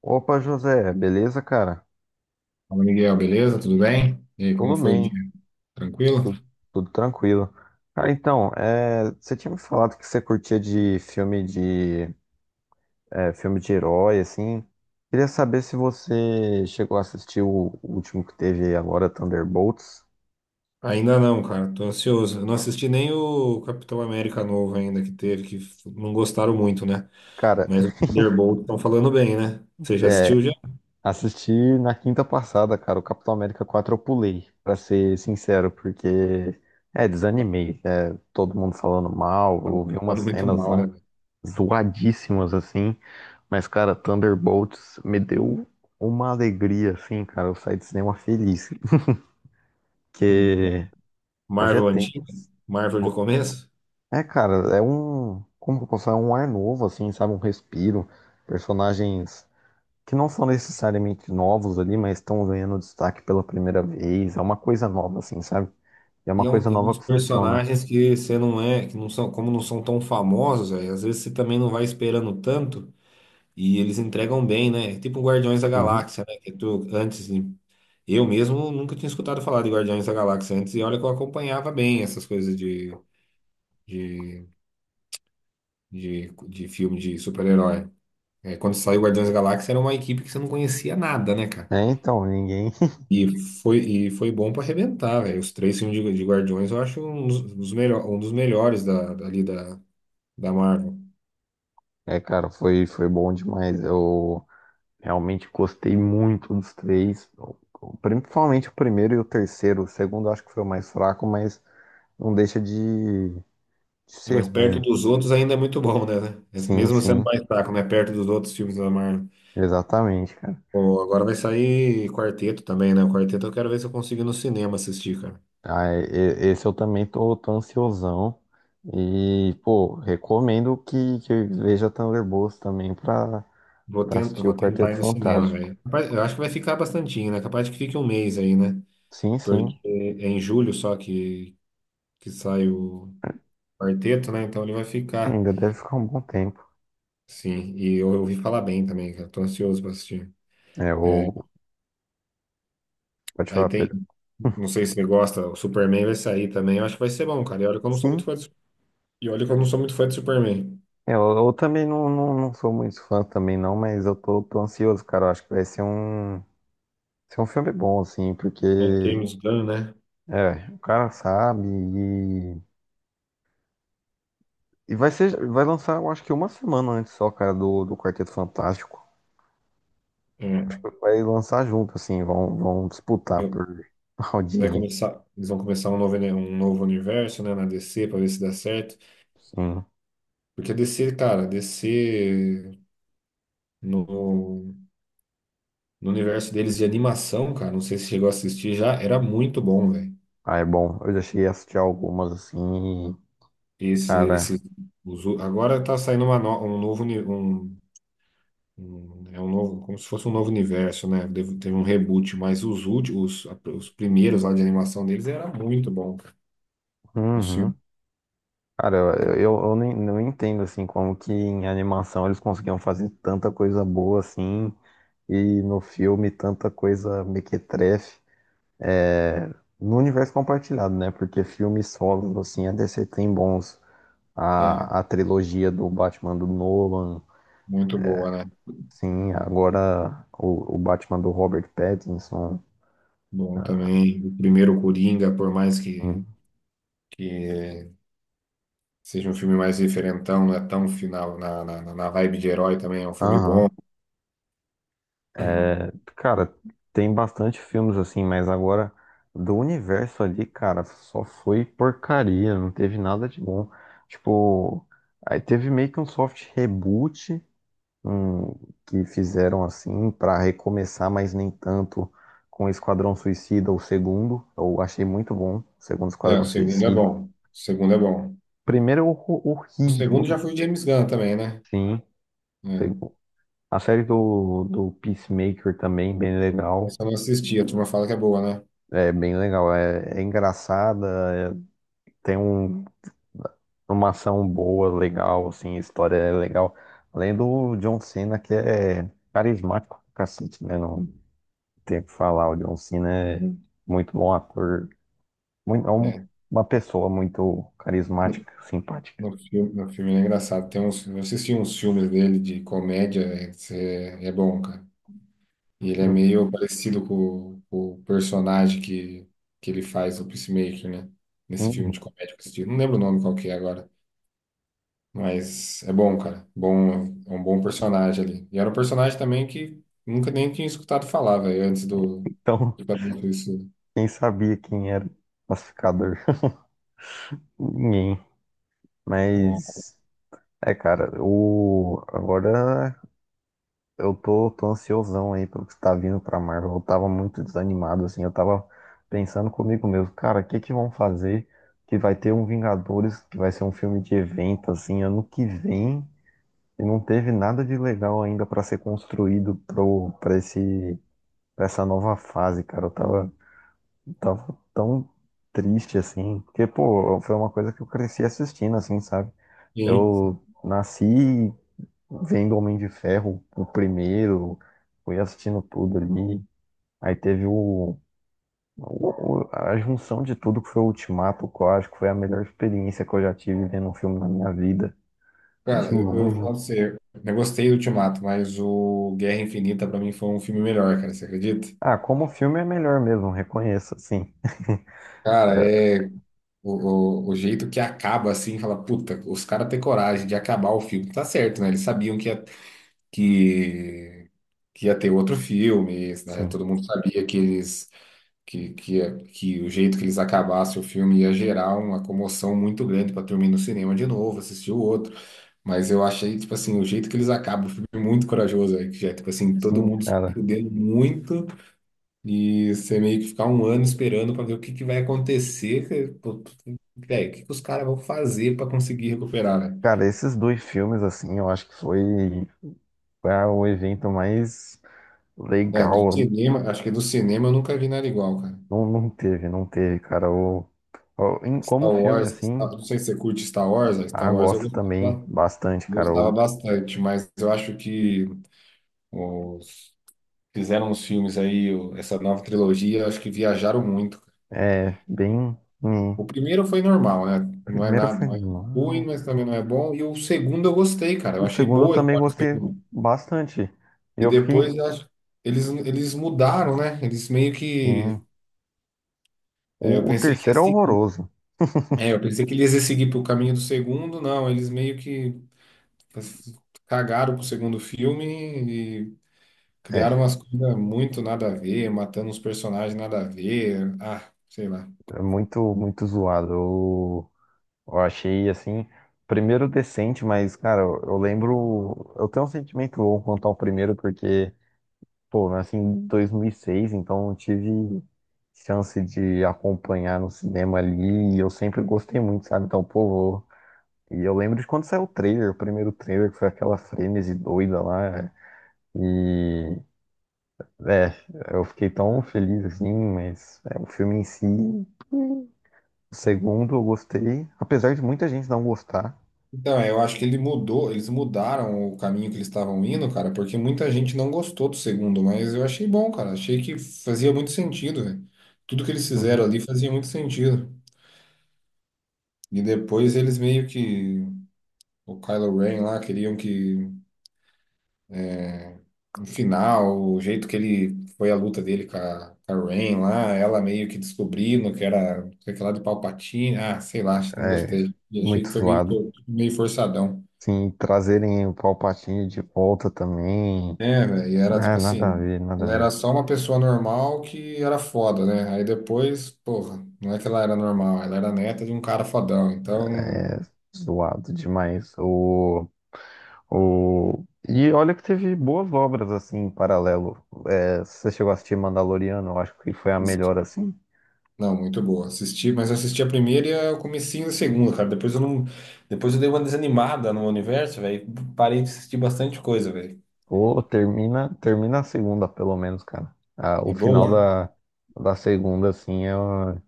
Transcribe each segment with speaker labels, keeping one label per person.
Speaker 1: Opa, José, beleza, cara?
Speaker 2: Fala, Miguel, beleza? Tudo bem? E aí, como
Speaker 1: Tudo
Speaker 2: foi o dia?
Speaker 1: bem,
Speaker 2: Tranquilo?
Speaker 1: tudo, tudo tranquilo. Cara, então, você tinha me falado que você curtia de filme de herói, assim. Queria saber se você chegou a assistir o último que teve agora, Thunderbolts.
Speaker 2: Ainda não, cara, tô ansioso. Eu não assisti nem o Capitão América novo ainda que teve, não gostaram muito, né?
Speaker 1: Cara,
Speaker 2: Mas o Thunderbolt estão falando bem, né? Você já
Speaker 1: é,
Speaker 2: assistiu já?
Speaker 1: assisti na quinta passada, cara, o Capitão América 4 eu pulei, pra ser sincero, porque desanimei. É, todo mundo falando mal,
Speaker 2: Tava
Speaker 1: eu vi umas
Speaker 2: falando muito
Speaker 1: cenas
Speaker 2: mal,
Speaker 1: lá
Speaker 2: né?
Speaker 1: zoadíssimas assim, mas cara, Thunderbolts me deu uma alegria assim, cara, eu saí do cinema feliz,
Speaker 2: Hum.
Speaker 1: porque fazia
Speaker 2: Marvel antiga,
Speaker 1: tempo.
Speaker 2: Marvel de começo.
Speaker 1: É, cara, como que eu posso falar, é um ar novo assim, sabe, um respiro, personagens que não são necessariamente novos ali, mas estão ganhando destaque pela primeira vez, é uma coisa nova assim, sabe? E é
Speaker 2: E
Speaker 1: uma coisa
Speaker 2: é um
Speaker 1: nova
Speaker 2: dos
Speaker 1: que funciona.
Speaker 2: personagens que você não é, que não são, como não são tão famosos, aí, às vezes você também não vai esperando tanto. E eles entregam bem, né? É tipo um Guardiões da
Speaker 1: Uhum.
Speaker 2: Galáxia, né? Que tu, antes, de- eu mesmo nunca tinha escutado falar de Guardiões da Galáxia antes, e olha que eu acompanhava bem essas coisas de, de filme de super-herói. É, quando saiu Guardiões da Galáxia, era uma equipe que você não conhecia nada, né, cara?
Speaker 1: É, então, ninguém.
Speaker 2: E e foi bom pra arrebentar, velho. Os três filmes de Guardiões eu acho um um dos melhores dali da Marvel.
Speaker 1: É, cara, foi bom demais. Eu realmente gostei muito dos três, principalmente o primeiro e o terceiro. O segundo eu acho que foi o mais fraco, mas não deixa de
Speaker 2: É,
Speaker 1: ser
Speaker 2: mas perto
Speaker 1: ruim.
Speaker 2: dos outros ainda é muito bom, né?
Speaker 1: Sim,
Speaker 2: Mesmo sendo
Speaker 1: sim,
Speaker 2: mais fraco, né? Perto dos outros filmes da Marvel.
Speaker 1: exatamente, cara.
Speaker 2: Pô, agora vai sair quarteto também, né? O quarteto eu quero ver se eu consigo ir no cinema assistir, cara.
Speaker 1: Ah, esse eu também tô ansiosão. E, pô, recomendo que veja Thunderbolts também pra assistir o
Speaker 2: Vou tentar
Speaker 1: Quarteto
Speaker 2: ir no cinema,
Speaker 1: Fantástico.
Speaker 2: velho. Eu acho que vai ficar bastantinho, né? Capaz de que fique um mês aí, né?
Speaker 1: Sim, sim,
Speaker 2: Porque é em julho só que sai o quarteto, né? Então ele vai ficar,
Speaker 1: ainda deve ficar um bom tempo.
Speaker 2: sim. E eu ouvi falar bem também, cara. Tô ansioso pra assistir.
Speaker 1: É,
Speaker 2: É,
Speaker 1: o... Pode
Speaker 2: aí
Speaker 1: falar,
Speaker 2: tem,
Speaker 1: Pedro.
Speaker 2: não sei se você gosta, o Superman vai sair também. Eu acho que vai ser bom, cara. E olha que eu não sou muito
Speaker 1: Sim.
Speaker 2: fã de, e olha que eu não sou muito fã de Superman.
Speaker 1: É, eu também não sou muito fã também não, mas eu tô ansioso, cara. Eu acho que vai ser ser um filme bom, assim, porque
Speaker 2: É, James Gunn, né?
Speaker 1: é, o cara sabe e vai ser, vai lançar, eu acho que uma semana antes só, cara, do Quarteto Fantástico. Eu
Speaker 2: É.
Speaker 1: acho que vai lançar junto, assim, vão disputar
Speaker 2: Eu-
Speaker 1: por
Speaker 2: Vai
Speaker 1: audiência,
Speaker 2: começar, eles vão começar um novo universo, né, na DC pra ver se dá certo.
Speaker 1: sim.
Speaker 2: Porque a DC, cara, a DC no, no universo deles de animação, cara, não sei se chegou a assistir já, era muito bom, velho.
Speaker 1: Ah, é bom. Eu já cheguei a assistir algumas, assim, e,
Speaker 2: Esse,
Speaker 1: cara.
Speaker 2: esse, agora tá saindo uma no- um novo, uni- um- é um novo, como se fosse um novo universo, né? Teve um reboot, mas os últimos, os primeiros lá de animação deles era muito bom, cara. Os filmes.
Speaker 1: Uhum. Cara, eu nem, não entendo assim como que em animação eles conseguiam fazer tanta coisa boa assim e no filme tanta coisa mequetrefe é, no universo compartilhado, né? Porque filmes solos assim a DC tem bons.
Speaker 2: É,
Speaker 1: A trilogia do Batman do Nolan,
Speaker 2: muito boa, né?
Speaker 1: sim, agora o Batman do Robert Pattinson.
Speaker 2: Bom também. O primeiro Coringa, por mais que
Speaker 1: Hum.
Speaker 2: que seja um filme mais diferentão, não é tão final na vibe de herói também, é um filme bom.
Speaker 1: Aham. Cara, tem bastante filmes assim, mas agora do universo ali, cara, só foi porcaria, não teve nada de bom. Tipo, aí teve meio que um soft reboot, um, que fizeram assim pra recomeçar, mas nem tanto com Esquadrão Suicida, o segundo. Eu achei muito bom, o segundo
Speaker 2: É, o
Speaker 1: Esquadrão
Speaker 2: segundo é
Speaker 1: Suicida.
Speaker 2: bom. O segundo é bom.
Speaker 1: Primeiro é
Speaker 2: O segundo
Speaker 1: horrível,
Speaker 2: já foi o James Gunn também, né?
Speaker 1: sim.
Speaker 2: É.
Speaker 1: Segu- A série do Peacemaker também, bem legal.
Speaker 2: Essa eu não assisti, a turma fala que é boa, né?
Speaker 1: É bem legal, é, é engraçada, é- tem um, uma ação boa, legal, assim, a história é legal. Além do John Cena, que é carismático pra cacete, né? Não tem o que falar, o John Cena é muito bom ator, muito,
Speaker 2: É.
Speaker 1: uma pessoa muito
Speaker 2: No,
Speaker 1: carismática, simpática.
Speaker 2: no filme é engraçado. Tem uns, eu assisti uns filmes dele de comédia, é, é bom, cara. E ele é meio parecido com o personagem que ele faz, o Peacemaker, né? Nesse
Speaker 1: Hum,
Speaker 2: filme de comédia que eu assisti. Não lembro o nome qual que é agora. Mas é bom, cara. Bom, é um bom personagem ali. E era um personagem também que nunca nem tinha escutado falar, velho, antes do
Speaker 1: Então,
Speaker 2: do Capitão isso.
Speaker 1: quem sabia quem era o classificador? Ninguém.
Speaker 2: Ó,
Speaker 1: Mas, é, cara, o, agora eu tô ansiosão aí pelo que tá vindo pra Marvel. Eu tava muito desanimado, assim. Eu tava pensando comigo mesmo, cara, o que que vão fazer que vai ter um Vingadores, que vai ser um filme de evento, assim, ano que vem, e não teve nada de legal ainda pra ser construído pra pra essa nova fase, cara. Tava tão triste, assim, porque, pô, foi uma coisa que eu cresci assistindo, assim, sabe?
Speaker 2: sim, sim.
Speaker 1: Eu nasci vendo Homem de Ferro, o primeiro, fui assistindo tudo ali. Aí teve a junção de tudo que foi o Ultimato, que eu acho que foi a melhor experiência que eu já tive vendo um filme na minha vida, de
Speaker 2: Cara, eu
Speaker 1: longe.
Speaker 2: falo pra você, eu gostei do Ultimato, mas o Guerra Infinita pra mim foi um filme melhor, cara, você acredita?
Speaker 1: Ah, como filme é melhor mesmo, reconheço,
Speaker 2: Cara, é o, o jeito que acaba assim, fala, puta, os caras têm coragem de acabar o filme. Tá certo, né? Eles sabiam que, que ia ter outro filme, né?
Speaker 1: sim,
Speaker 2: Todo mundo sabia que eles que o jeito que eles acabassem o filme ia gerar uma comoção muito grande para turma ir no cinema de novo, assistir o outro. Mas eu achei, tipo assim, o jeito que eles acabam o filme é muito corajoso, aí, que já, tipo assim, todo
Speaker 1: sim,
Speaker 2: mundo se
Speaker 1: cara.
Speaker 2: fudendo muito e você meio que ficar um ano esperando para ver que vai acontecer, que, pô, velho, que os caras vão fazer para conseguir recuperar, né?
Speaker 1: Cara, esses dois filmes, assim, eu acho que foi o evento mais
Speaker 2: É, do
Speaker 1: legal.
Speaker 2: cinema, acho que do cinema eu nunca vi nada igual, cara.
Speaker 1: Não teve, cara. Como filme, assim.
Speaker 2: Não sei se você curte Star Wars, a Star
Speaker 1: Ah,
Speaker 2: Wars eu
Speaker 1: gosto também
Speaker 2: gostava.
Speaker 1: bastante, cara.
Speaker 2: Gostava bastante, mas eu acho que os- fizeram os filmes aí, essa nova trilogia, eu acho que viajaram muito.
Speaker 1: É bem. Hum,
Speaker 2: O primeiro foi normal, né? Não é
Speaker 1: primeiro
Speaker 2: nada,
Speaker 1: foi
Speaker 2: não é ruim,
Speaker 1: normal.
Speaker 2: mas também não é bom. E o segundo eu gostei, cara. Eu
Speaker 1: O
Speaker 2: achei
Speaker 1: segundo eu
Speaker 2: boa a
Speaker 1: também
Speaker 2: história do
Speaker 1: gostei
Speaker 2: segundo.
Speaker 1: bastante.
Speaker 2: E
Speaker 1: Eu fiquei.
Speaker 2: depois eu acho- eles mudaram, né? Eles meio
Speaker 1: Hum,
Speaker 2: que. É, eu
Speaker 1: o
Speaker 2: pensei que ia
Speaker 1: terceiro é
Speaker 2: seguir.
Speaker 1: horroroso.
Speaker 2: É, eu pensei que eles iam seguir pro caminho do segundo, não. Eles meio que cagaram pro segundo filme. Criaram
Speaker 1: É,
Speaker 2: umas coisas muito nada a ver, matando uns personagens nada a ver. Ah, sei lá.
Speaker 1: é muito zoado. Eu achei assim. Primeiro decente, mas, cara, eu lembro. Eu tenho um sentimento bom quanto ao primeiro, porque, pô, eu nasci em 2006, então eu tive chance de acompanhar no cinema ali e eu sempre gostei muito, sabe? Então, pô, vou. E eu lembro de quando saiu o trailer, o primeiro trailer, que foi aquela frenesi doida lá. E. É, eu fiquei tão feliz assim, mas é, o filme em si. O segundo eu gostei, apesar de muita gente não gostar.
Speaker 2: Então, é, eu acho que ele mudou, eles mudaram o caminho que eles estavam indo, cara, porque muita gente não gostou do segundo, mas eu achei bom, cara. Achei que fazia muito sentido, velho. Tudo que eles fizeram
Speaker 1: Uhum.
Speaker 2: ali fazia muito sentido. E depois eles meio que, o Kylo Ren lá, queriam que no final, o jeito que ele foi a luta dele com a Rain lá, ela meio que descobrindo que era sei lá de Palpatine, ah, sei lá, acho que não
Speaker 1: É
Speaker 2: gostei. E achei
Speaker 1: muito
Speaker 2: que foi
Speaker 1: zoado.
Speaker 2: meio forçadão.
Speaker 1: Sim, trazerem o Palpatine de volta também.
Speaker 2: É, velho, e era
Speaker 1: Ah,
Speaker 2: tipo
Speaker 1: nada a
Speaker 2: assim,
Speaker 1: ver, nada a
Speaker 2: ela era
Speaker 1: ver.
Speaker 2: só uma pessoa normal que era foda, né? Aí depois, porra, não é que ela era normal, ela era neta de um cara fodão, então.
Speaker 1: É zoado demais. O. O... E olha que teve boas obras assim em paralelo. É, você chegou a assistir Mandaloriano, eu acho que foi a melhor assim.
Speaker 2: Não, muito boa. Assisti, mas assisti a primeira e o comecinho da segunda, cara. Depois eu dei uma desanimada no universo, velho. Parei de assistir bastante coisa, velho.
Speaker 1: Ou termina, termina a segunda, pelo menos, cara. Ah, o
Speaker 2: É
Speaker 1: final
Speaker 2: boa?
Speaker 1: da segunda, assim, é,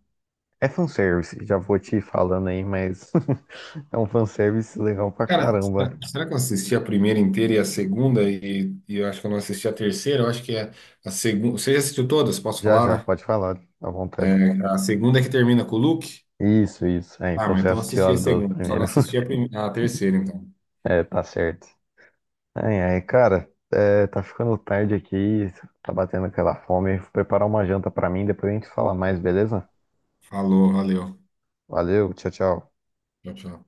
Speaker 1: é fanservice. Já vou te falando aí, mas é um fanservice legal pra
Speaker 2: Cara,
Speaker 1: caramba.
Speaker 2: será que eu assisti a primeira inteira e a segunda e eu acho que eu não assisti a terceira? Eu acho que é a segunda. Você já assistiu todas? Posso
Speaker 1: Já já,
Speaker 2: falar,
Speaker 1: pode falar, à vontade.
Speaker 2: né? A segunda é que termina com o Luke?
Speaker 1: Isso, isso. É,
Speaker 2: Ah,
Speaker 1: então
Speaker 2: mas
Speaker 1: você
Speaker 2: então eu
Speaker 1: assistiu
Speaker 2: assisti a
Speaker 1: as duas
Speaker 2: segunda. Só não
Speaker 1: primeiras.
Speaker 2: assisti a, a terceira, então.
Speaker 1: É, tá certo. Ai, ai, cara, é, tá ficando tarde aqui, tá batendo aquela fome. Vou preparar uma janta pra mim, depois a gente fala mais, beleza?
Speaker 2: Falou, valeu.
Speaker 1: Valeu, tchau, tchau.
Speaker 2: Tchau, tchau.